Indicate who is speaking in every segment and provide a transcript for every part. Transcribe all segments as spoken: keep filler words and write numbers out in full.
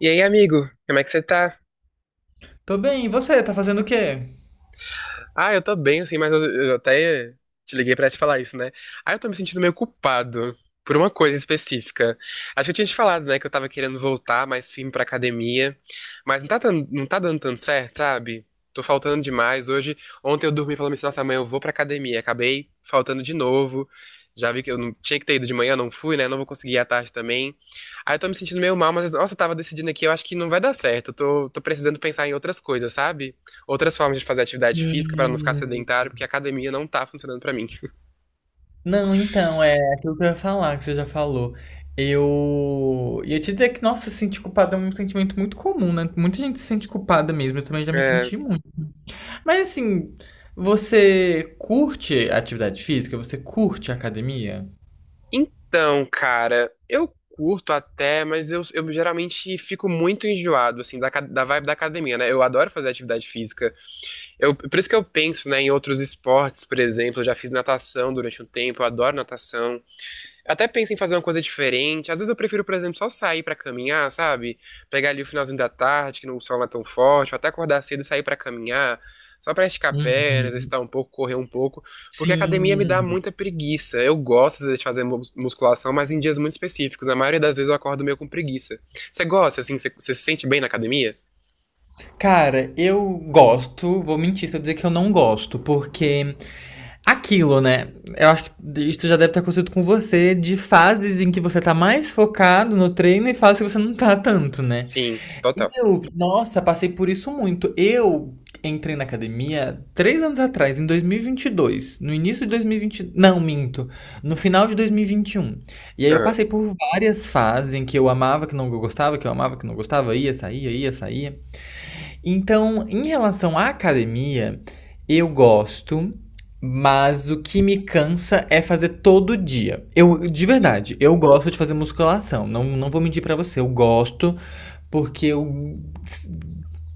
Speaker 1: E aí, amigo, como é que você tá?
Speaker 2: Tô bem, e você? Tá fazendo o quê?
Speaker 1: Ah, eu tô bem, assim, mas eu, eu até te liguei pra te falar isso, né? Ah, eu tô me sentindo meio culpado por uma coisa específica. Acho que eu tinha te falado, né, que eu tava querendo voltar mais firme pra academia, mas não tá, tan- não tá dando tanto certo, sabe? Tô faltando demais. Hoje, ontem eu dormi falando assim, nossa, amanhã eu vou pra academia. Acabei faltando de novo. Já vi que eu não tinha que ter ido de manhã, não fui, né? Não vou conseguir ir à tarde também. Aí eu tô me sentindo meio mal, mas nossa, eu tava decidindo aqui, eu acho que não vai dar certo. Eu tô, tô precisando pensar em outras coisas, sabe? Outras formas de fazer atividade física para não ficar
Speaker 2: Hum,
Speaker 1: sedentário, porque a academia não tá funcionando para mim.
Speaker 2: Não, então, é aquilo que eu ia falar, que você já falou. Eu ia te dizer que, nossa, se sentir culpada é um sentimento muito comum, né? Muita gente se sente culpada mesmo, eu também já me
Speaker 1: É,
Speaker 2: senti muito. Mas assim, você curte atividade física? Você curte academia?
Speaker 1: então, cara, eu curto até, mas eu, eu geralmente fico muito enjoado, assim, da, ca- da vibe da academia, né? Eu adoro fazer atividade física. Eu, por isso que eu penso, né, em outros esportes, por exemplo. Eu já fiz natação durante um tempo, eu adoro natação. Até penso em fazer uma coisa diferente. Às vezes eu prefiro, por exemplo, só sair pra caminhar, sabe? Pegar ali o finalzinho da tarde, que não, o sol não é tão forte, ou até acordar cedo e sair pra caminhar, só pra esticar a perna,
Speaker 2: Uhum.
Speaker 1: exercitar um pouco, correr um pouco, porque a academia me dá
Speaker 2: Sim.
Speaker 1: muita preguiça. Eu gosto, às vezes, de fazer mus- musculação, mas em dias muito específicos. Na maioria das vezes eu acordo meio com preguiça. Você gosta, assim? Você, você se sente bem na academia?
Speaker 2: Cara, eu gosto, vou mentir se eu dizer que eu não gosto, porque aquilo, né? Eu acho que isso já deve ter acontecido com você, de fases em que você tá mais focado no treino e fases que você não tá tanto, né?
Speaker 1: Sim, total.
Speaker 2: Eu, nossa, passei por isso muito. Eu entrei na academia três anos atrás, em dois mil e vinte e dois. No início de dois mil e vinte. Não, minto. No final de dois mil e vinte e um. E vinte e um. E aí eu
Speaker 1: Aham.
Speaker 2: passei por várias fases em que eu amava, que não gostava, que eu amava, que não gostava, ia, saía, ia, saía. Então, em relação à academia, eu gosto, mas o que me cansa é fazer todo dia. Eu, de
Speaker 1: Sim,
Speaker 2: verdade, eu gosto de fazer musculação. Não, não vou mentir pra você, eu gosto porque eu s-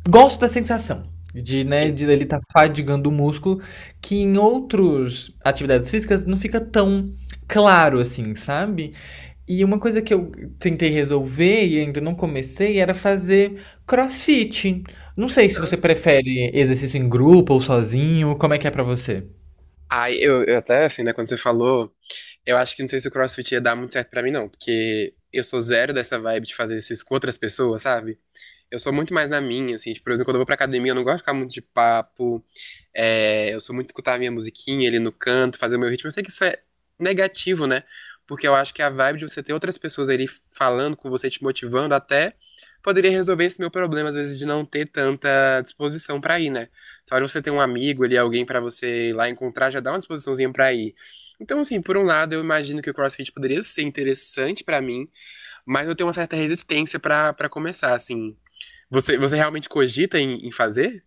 Speaker 2: gosto da sensação de, né,
Speaker 1: sim.
Speaker 2: de ele estar fadigando o músculo, que em outras atividades físicas não fica tão claro assim, sabe? E uma coisa que eu tentei resolver e ainda não comecei era fazer CrossFit. Não sei se
Speaker 1: Aham.
Speaker 2: você prefere exercício em grupo ou sozinho, como é que é pra você?
Speaker 1: Ai, eu, eu até, assim, né, quando você falou. Eu acho que não sei se o CrossFit ia dar muito certo pra mim, não, porque eu sou zero dessa vibe de fazer isso com outras pessoas, sabe? Eu sou muito mais na minha, assim, tipo, por exemplo, quando eu vou pra academia, eu não gosto de ficar muito de papo. É, eu sou muito de escutar a minha musiquinha ali no canto, fazer o meu ritmo. Eu sei que isso é negativo, né? Porque eu acho que a vibe de você ter outras pessoas ali falando com você, te motivando, até poderia resolver esse meu problema, às vezes, de não ter tanta disposição pra ir, né? Só de você ter um amigo ali, alguém pra você ir lá encontrar, já dá uma disposiçãozinha pra ir. Então, assim, por um lado, eu imagino que o CrossFit poderia ser interessante pra mim, mas eu tenho uma certa resistência pra para começar, assim. Você, você realmente cogita em, em fazer?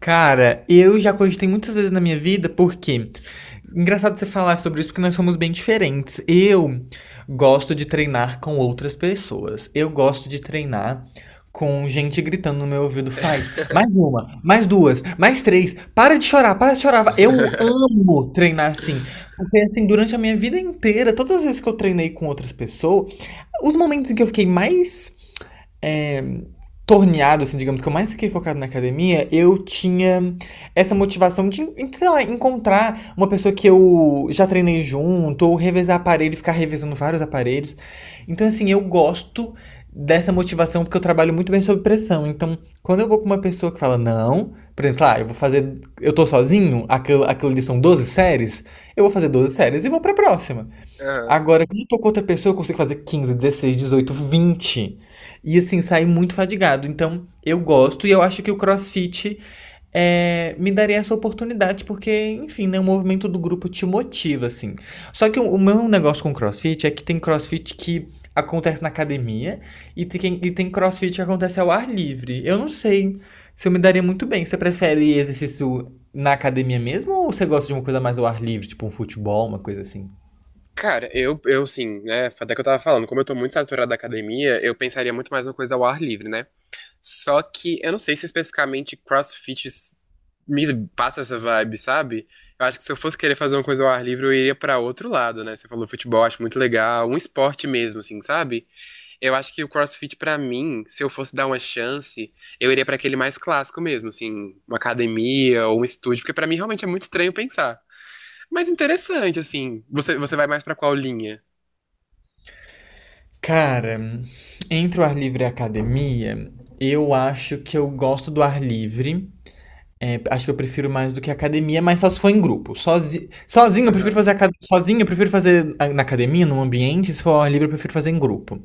Speaker 2: Cara, eu já cogitei muitas vezes na minha vida, porque engraçado você falar sobre isso porque nós somos bem diferentes. Eu gosto de treinar com outras pessoas. Eu gosto de treinar com gente gritando no meu ouvido, faz mais uma, mais duas, mais três, para de chorar, para de chorar. Eu amo treinar assim, porque assim, durante a minha vida inteira, todas as vezes que eu treinei com outras pessoas, os momentos em que eu fiquei mais torneado, assim, digamos, que eu mais fiquei focado na academia, eu tinha essa motivação de, sei lá, encontrar uma pessoa que eu já treinei junto, ou revezar aparelho, ficar revezando vários aparelhos. Então, assim, eu gosto dessa motivação porque eu trabalho muito bem sob pressão. Então, quando eu vou com uma pessoa que fala, não, por exemplo, lá, eu vou fazer, eu tô sozinho, aquilo, aquilo ali são doze séries, eu vou fazer doze séries e vou pra próxima.
Speaker 1: Aham.
Speaker 2: Agora, quando eu tô com outra pessoa, eu consigo fazer quinze, dezesseis, dezoito, vinte. E assim, sair muito fadigado. Então, eu gosto e eu acho que o CrossFit é, me daria essa oportunidade, porque, enfim, né, o movimento do grupo te motiva, assim. Só que o, o meu negócio com CrossFit é que tem CrossFit que acontece na academia e tem, e tem CrossFit que acontece ao ar livre. Eu não sei se eu me daria muito bem. Você prefere exercício na academia mesmo ou você gosta de uma coisa mais ao ar livre, tipo um futebol, uma coisa assim?
Speaker 1: Cara, eu, eu assim, né? Até que eu tava falando, como eu tô muito saturado da academia, eu pensaria muito mais uma coisa ao ar livre, né? Só que eu não sei se especificamente CrossFit s- me passa essa vibe, sabe? Eu acho que se eu fosse querer fazer uma coisa ao ar livre, eu iria pra outro lado, né? Você falou futebol, acho muito legal, um esporte mesmo, assim, sabe? Eu acho que o CrossFit, pra mim, se eu fosse dar uma chance, eu iria pra aquele mais clássico mesmo, assim, uma academia ou um estúdio, porque pra mim realmente é muito estranho pensar. Mas interessante, assim. Você, você vai mais pra qual linha?
Speaker 2: Cara, entre o ar livre e a academia, eu acho que eu gosto do ar livre. É, acho que eu prefiro mais do que a academia, mas só se for em grupo. Sozi... Sozinho, eu prefiro
Speaker 1: Aham,
Speaker 2: fazer aca- sozinho, eu prefiro fazer a- na academia, num ambiente. Se for ao ar livre, eu prefiro fazer em grupo.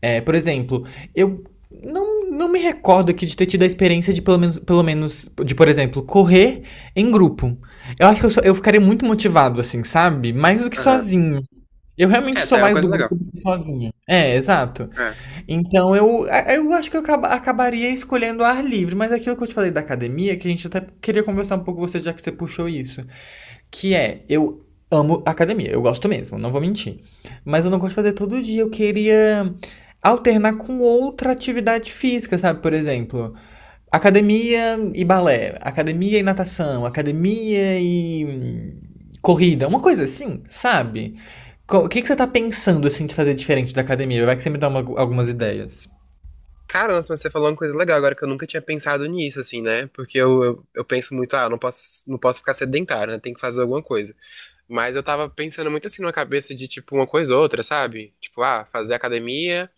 Speaker 2: É, por exemplo, eu não, não me recordo aqui de ter tido a experiência de pelo menos, pelo menos de, por exemplo, correr em grupo. Eu acho que eu, sou- eu ficaria muito motivado, assim, sabe? Mais do que
Speaker 1: aham.
Speaker 2: sozinho. Eu realmente
Speaker 1: É,
Speaker 2: sou
Speaker 1: tá, é uma
Speaker 2: mais do
Speaker 1: coisa
Speaker 2: grupo
Speaker 1: legal.
Speaker 2: do que sozinho. É, exato.
Speaker 1: É.
Speaker 2: Então eu, a- eu acho que eu acaba- acabaria escolhendo o ar livre, mas aquilo que eu te falei da academia, que a gente até queria conversar um pouco com você, já que você puxou isso, que é, eu amo academia, eu gosto mesmo, não vou mentir. Mas eu não gosto de fazer todo dia, eu queria alternar com outra atividade física, sabe? Por exemplo, academia e balé, academia e natação, academia e corrida, uma coisa assim, sabe? O que, que você tá pensando assim de fazer diferente da academia? Vai que você me dá uma- algumas ideias.
Speaker 1: Cara, nossa, mas você falou uma coisa legal agora que eu nunca tinha pensado nisso, assim, né? Porque eu, eu, eu penso muito, ah, eu não posso, não posso ficar sedentário, né? Tem que fazer alguma coisa. Mas eu tava pensando muito assim na cabeça de, tipo, uma coisa ou outra, sabe? Tipo, ah, fazer academia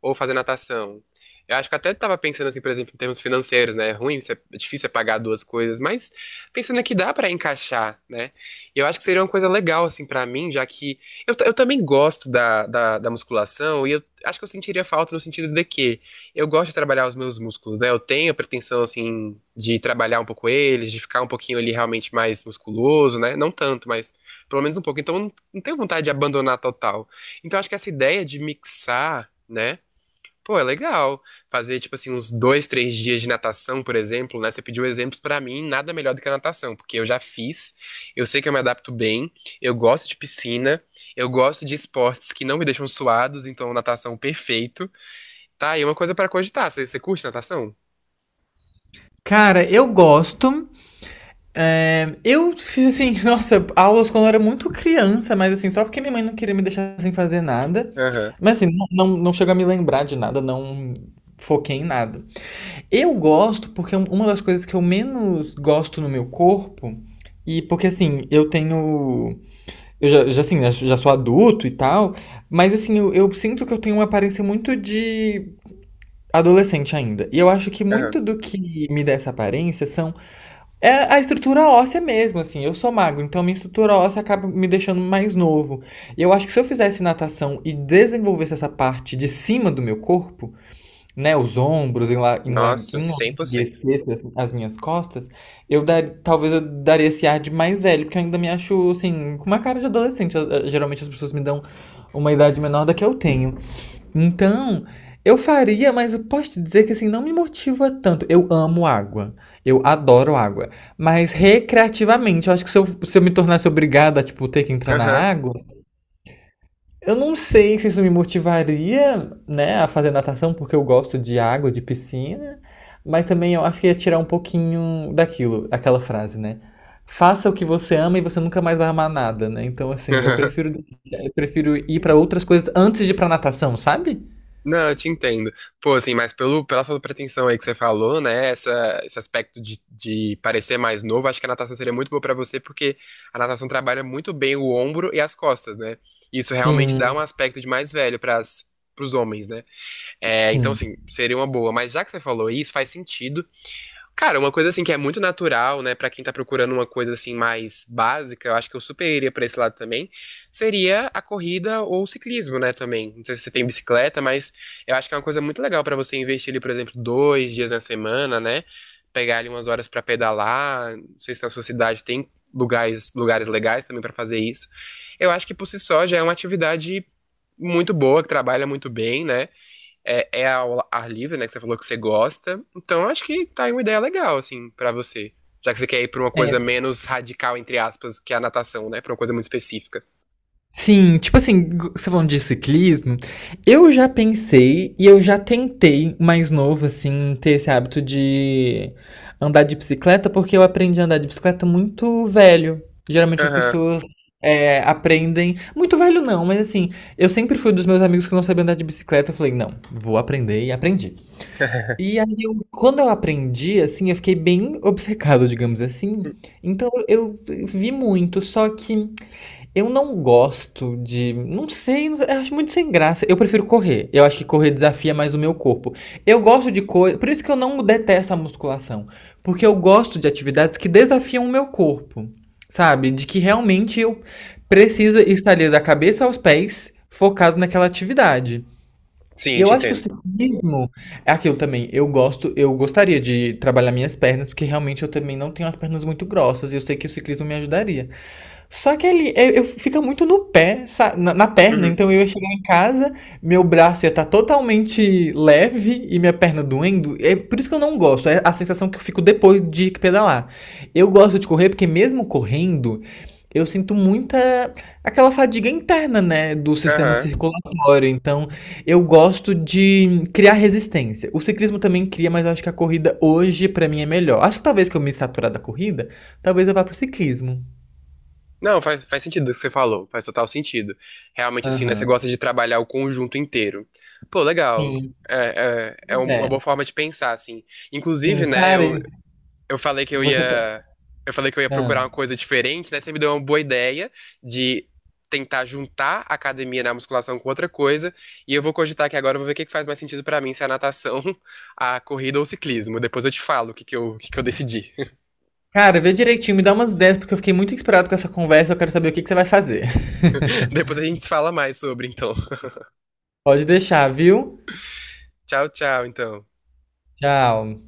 Speaker 1: ou fazer natação. Eu acho que até tava pensando assim, por exemplo, em termos financeiros, né? É ruim, você- é difícil é pagar duas coisas, mas pensando que dá para encaixar, né? E eu acho que seria uma coisa legal assim para mim, já que eu, t- eu também gosto da, da, da musculação e eu acho que eu sentiria falta no sentido de que eu gosto de trabalhar os meus músculos, né? Eu tenho a pretensão assim de trabalhar um pouco eles, de ficar um pouquinho ali realmente mais musculoso, né? Não tanto, mas pelo menos um pouco. Então eu não, não tenho vontade de abandonar total. Então eu acho que essa ideia de mixar, né? Pô, é legal. Fazer, tipo assim, uns dois, três dias de natação, por exemplo, né? Você pediu exemplos pra mim, nada melhor do que a natação, porque eu já fiz, eu sei que eu me adapto bem, eu gosto de piscina, eu gosto de esportes que não me deixam suados, então natação perfeito. Tá aí uma coisa pra cogitar. Você, você curte natação?
Speaker 2: Cara, eu gosto. É, eu fiz assim, nossa, aulas quando eu era muito criança, mas assim, só porque minha mãe não queria me deixar sem fazer nada.
Speaker 1: Aham,
Speaker 2: Mas assim, não, não, não chego a me lembrar de nada, não foquei em nada. Eu gosto porque é um- uma das coisas que eu menos gosto no meu corpo, e porque assim, eu tenho. Eu já, já, assim, já, já sou adulto e tal, mas assim, eu, eu sinto que eu tenho uma aparência muito de adolescente ainda. E eu acho que
Speaker 1: aham.
Speaker 2: muito do que me dá essa aparência são é a estrutura óssea mesmo, assim. Eu sou magro, então minha estrutura óssea acaba me deixando mais novo. E eu acho que se eu fizesse natação e desenvolvesse essa parte de cima do meu corpo, né, os ombros, enla- enla-
Speaker 1: Nossa, cem por cento.
Speaker 2: enlarguecesse as as minhas costas, eu dar, talvez eu daria esse ar de mais velho, porque eu ainda me acho, assim, com uma cara de adolescente. Eh, eh, Geralmente as pessoas me dão uma idade menor da que eu tenho. Então, eu faria, mas eu posso te dizer que assim não me motiva tanto. Eu amo água. Eu adoro água. Mas recreativamente, eu acho que se eu, se eu me tornasse obrigada a, tipo, ter que entrar na
Speaker 1: Aham.
Speaker 2: água, eu não sei se isso me motivaria, né, a fazer natação, porque eu gosto de água, de piscina. Mas também eu acho que ia tirar um pouquinho daquilo, aquela frase, né? Faça o que você ama e você nunca mais vai amar nada, né? Então, assim, eu prefiro, eu prefiro ir pra outras coisas antes de ir pra natação, sabe?
Speaker 1: Não, eu te entendo. Pô, assim, mas pelo, pela sua pretensão aí que você falou, né? Essa, esse aspecto de, de parecer mais novo, acho que a natação seria muito boa pra você, porque a natação trabalha muito bem o ombro e as costas, né? Isso realmente dá
Speaker 2: Sim.
Speaker 1: um aspecto de mais velho para os homens, né? É, então,
Speaker 2: Hum.
Speaker 1: assim, seria uma boa. Mas já que você falou isso, faz sentido. Cara, uma coisa assim que é muito natural, né, pra quem tá procurando uma coisa assim mais básica, eu acho que eu super iria pra esse lado também, seria a corrida ou o ciclismo, né, também. Não sei se você tem bicicleta, mas eu acho que é uma coisa muito legal pra você investir ali, por exemplo, dois dias na semana, né, pegar ali umas horas pra pedalar. Não sei se na sua cidade tem lugares, lugares legais também pra fazer isso. Eu acho que por si só já é uma atividade muito boa, que trabalha muito bem, né? É, é ao ar livre, né? Que você falou que você gosta. Então, acho que tá aí uma ideia legal, assim, pra você. Já que você quer ir pra uma coisa
Speaker 2: É,
Speaker 1: menos radical, entre aspas, que a natação, né? Pra uma coisa muito específica.
Speaker 2: sim, tipo assim, g- você falando de ciclismo, eu já pensei e eu já tentei, mais novo, assim, ter esse hábito de andar de bicicleta, porque eu aprendi a andar de bicicleta muito velho. Geralmente as
Speaker 1: Aham.
Speaker 2: pessoas é, aprendem. Muito velho não, mas assim, eu sempre fui dos meus amigos que não sabiam andar de bicicleta. Eu falei, não, vou aprender e aprendi. E aí, eu- quando eu aprendi, assim, eu fiquei bem obcecado, digamos assim. Então eu vi muito, só que. Eu não gosto de. Não sei, eu acho muito sem graça. Eu prefiro correr. Eu acho que correr desafia mais o meu corpo. Eu gosto de coisa. Por isso que eu não detesto a musculação. Porque eu gosto de atividades que desafiam o meu corpo. Sabe? De que realmente eu preciso estar ali da cabeça aos pés focado naquela atividade. E
Speaker 1: Sim,
Speaker 2: eu
Speaker 1: te
Speaker 2: acho que o
Speaker 1: entendo.
Speaker 2: ciclismo é aquilo também. Eu gosto, eu gostaria de trabalhar minhas pernas, porque realmente eu também não tenho as pernas muito grossas e eu sei que o ciclismo me ajudaria. Só que ele eu, eu fica muito no pé, sa- na, na perna.
Speaker 1: Uhum.
Speaker 2: Então eu ia chegar em casa, meu braço ia estar totalmente leve e minha perna doendo. É por isso que eu não gosto. É a sensação que eu fico depois de pedalar. Eu gosto de correr porque mesmo correndo, eu sinto muita aquela fadiga interna, né, do sistema
Speaker 1: Aham.
Speaker 2: circulatório. Então eu gosto de criar resistência. O ciclismo também cria, mas eu acho que a corrida hoje pra mim é melhor. Acho que talvez que eu me saturar da corrida, talvez eu vá pro ciclismo.
Speaker 1: Não, faz, faz sentido o que você falou. Faz total sentido. Realmente, assim, né? Você
Speaker 2: Aham.
Speaker 1: gosta de trabalhar o conjunto inteiro. Pô, legal.
Speaker 2: Sim,
Speaker 1: É, é, é
Speaker 2: pois
Speaker 1: um, uma
Speaker 2: é.
Speaker 1: boa forma de pensar, assim. Inclusive,
Speaker 2: Sim,
Speaker 1: né?
Speaker 2: cara,
Speaker 1: Eu,
Speaker 2: e
Speaker 1: eu falei que eu
Speaker 2: você. tá-
Speaker 1: ia, eu falei que eu ia procurar uma
Speaker 2: Ah.
Speaker 1: coisa diferente, né? Você me deu uma boa ideia de tentar juntar a academia na musculação com outra coisa, e eu vou cogitar aqui agora, eu vou ver o que que faz mais sentido pra mim, se é a natação, a corrida ou o ciclismo. Depois eu te falo o que que eu, o que que eu decidi.
Speaker 2: Cara, vê direitinho, me dá umas ideias, porque eu fiquei muito inspirado com essa conversa. Eu quero saber o que que você vai fazer.
Speaker 1: Depois a gente se fala mais sobre, então.
Speaker 2: Pode deixar, viu?
Speaker 1: Tchau, tchau, então.
Speaker 2: Tchau.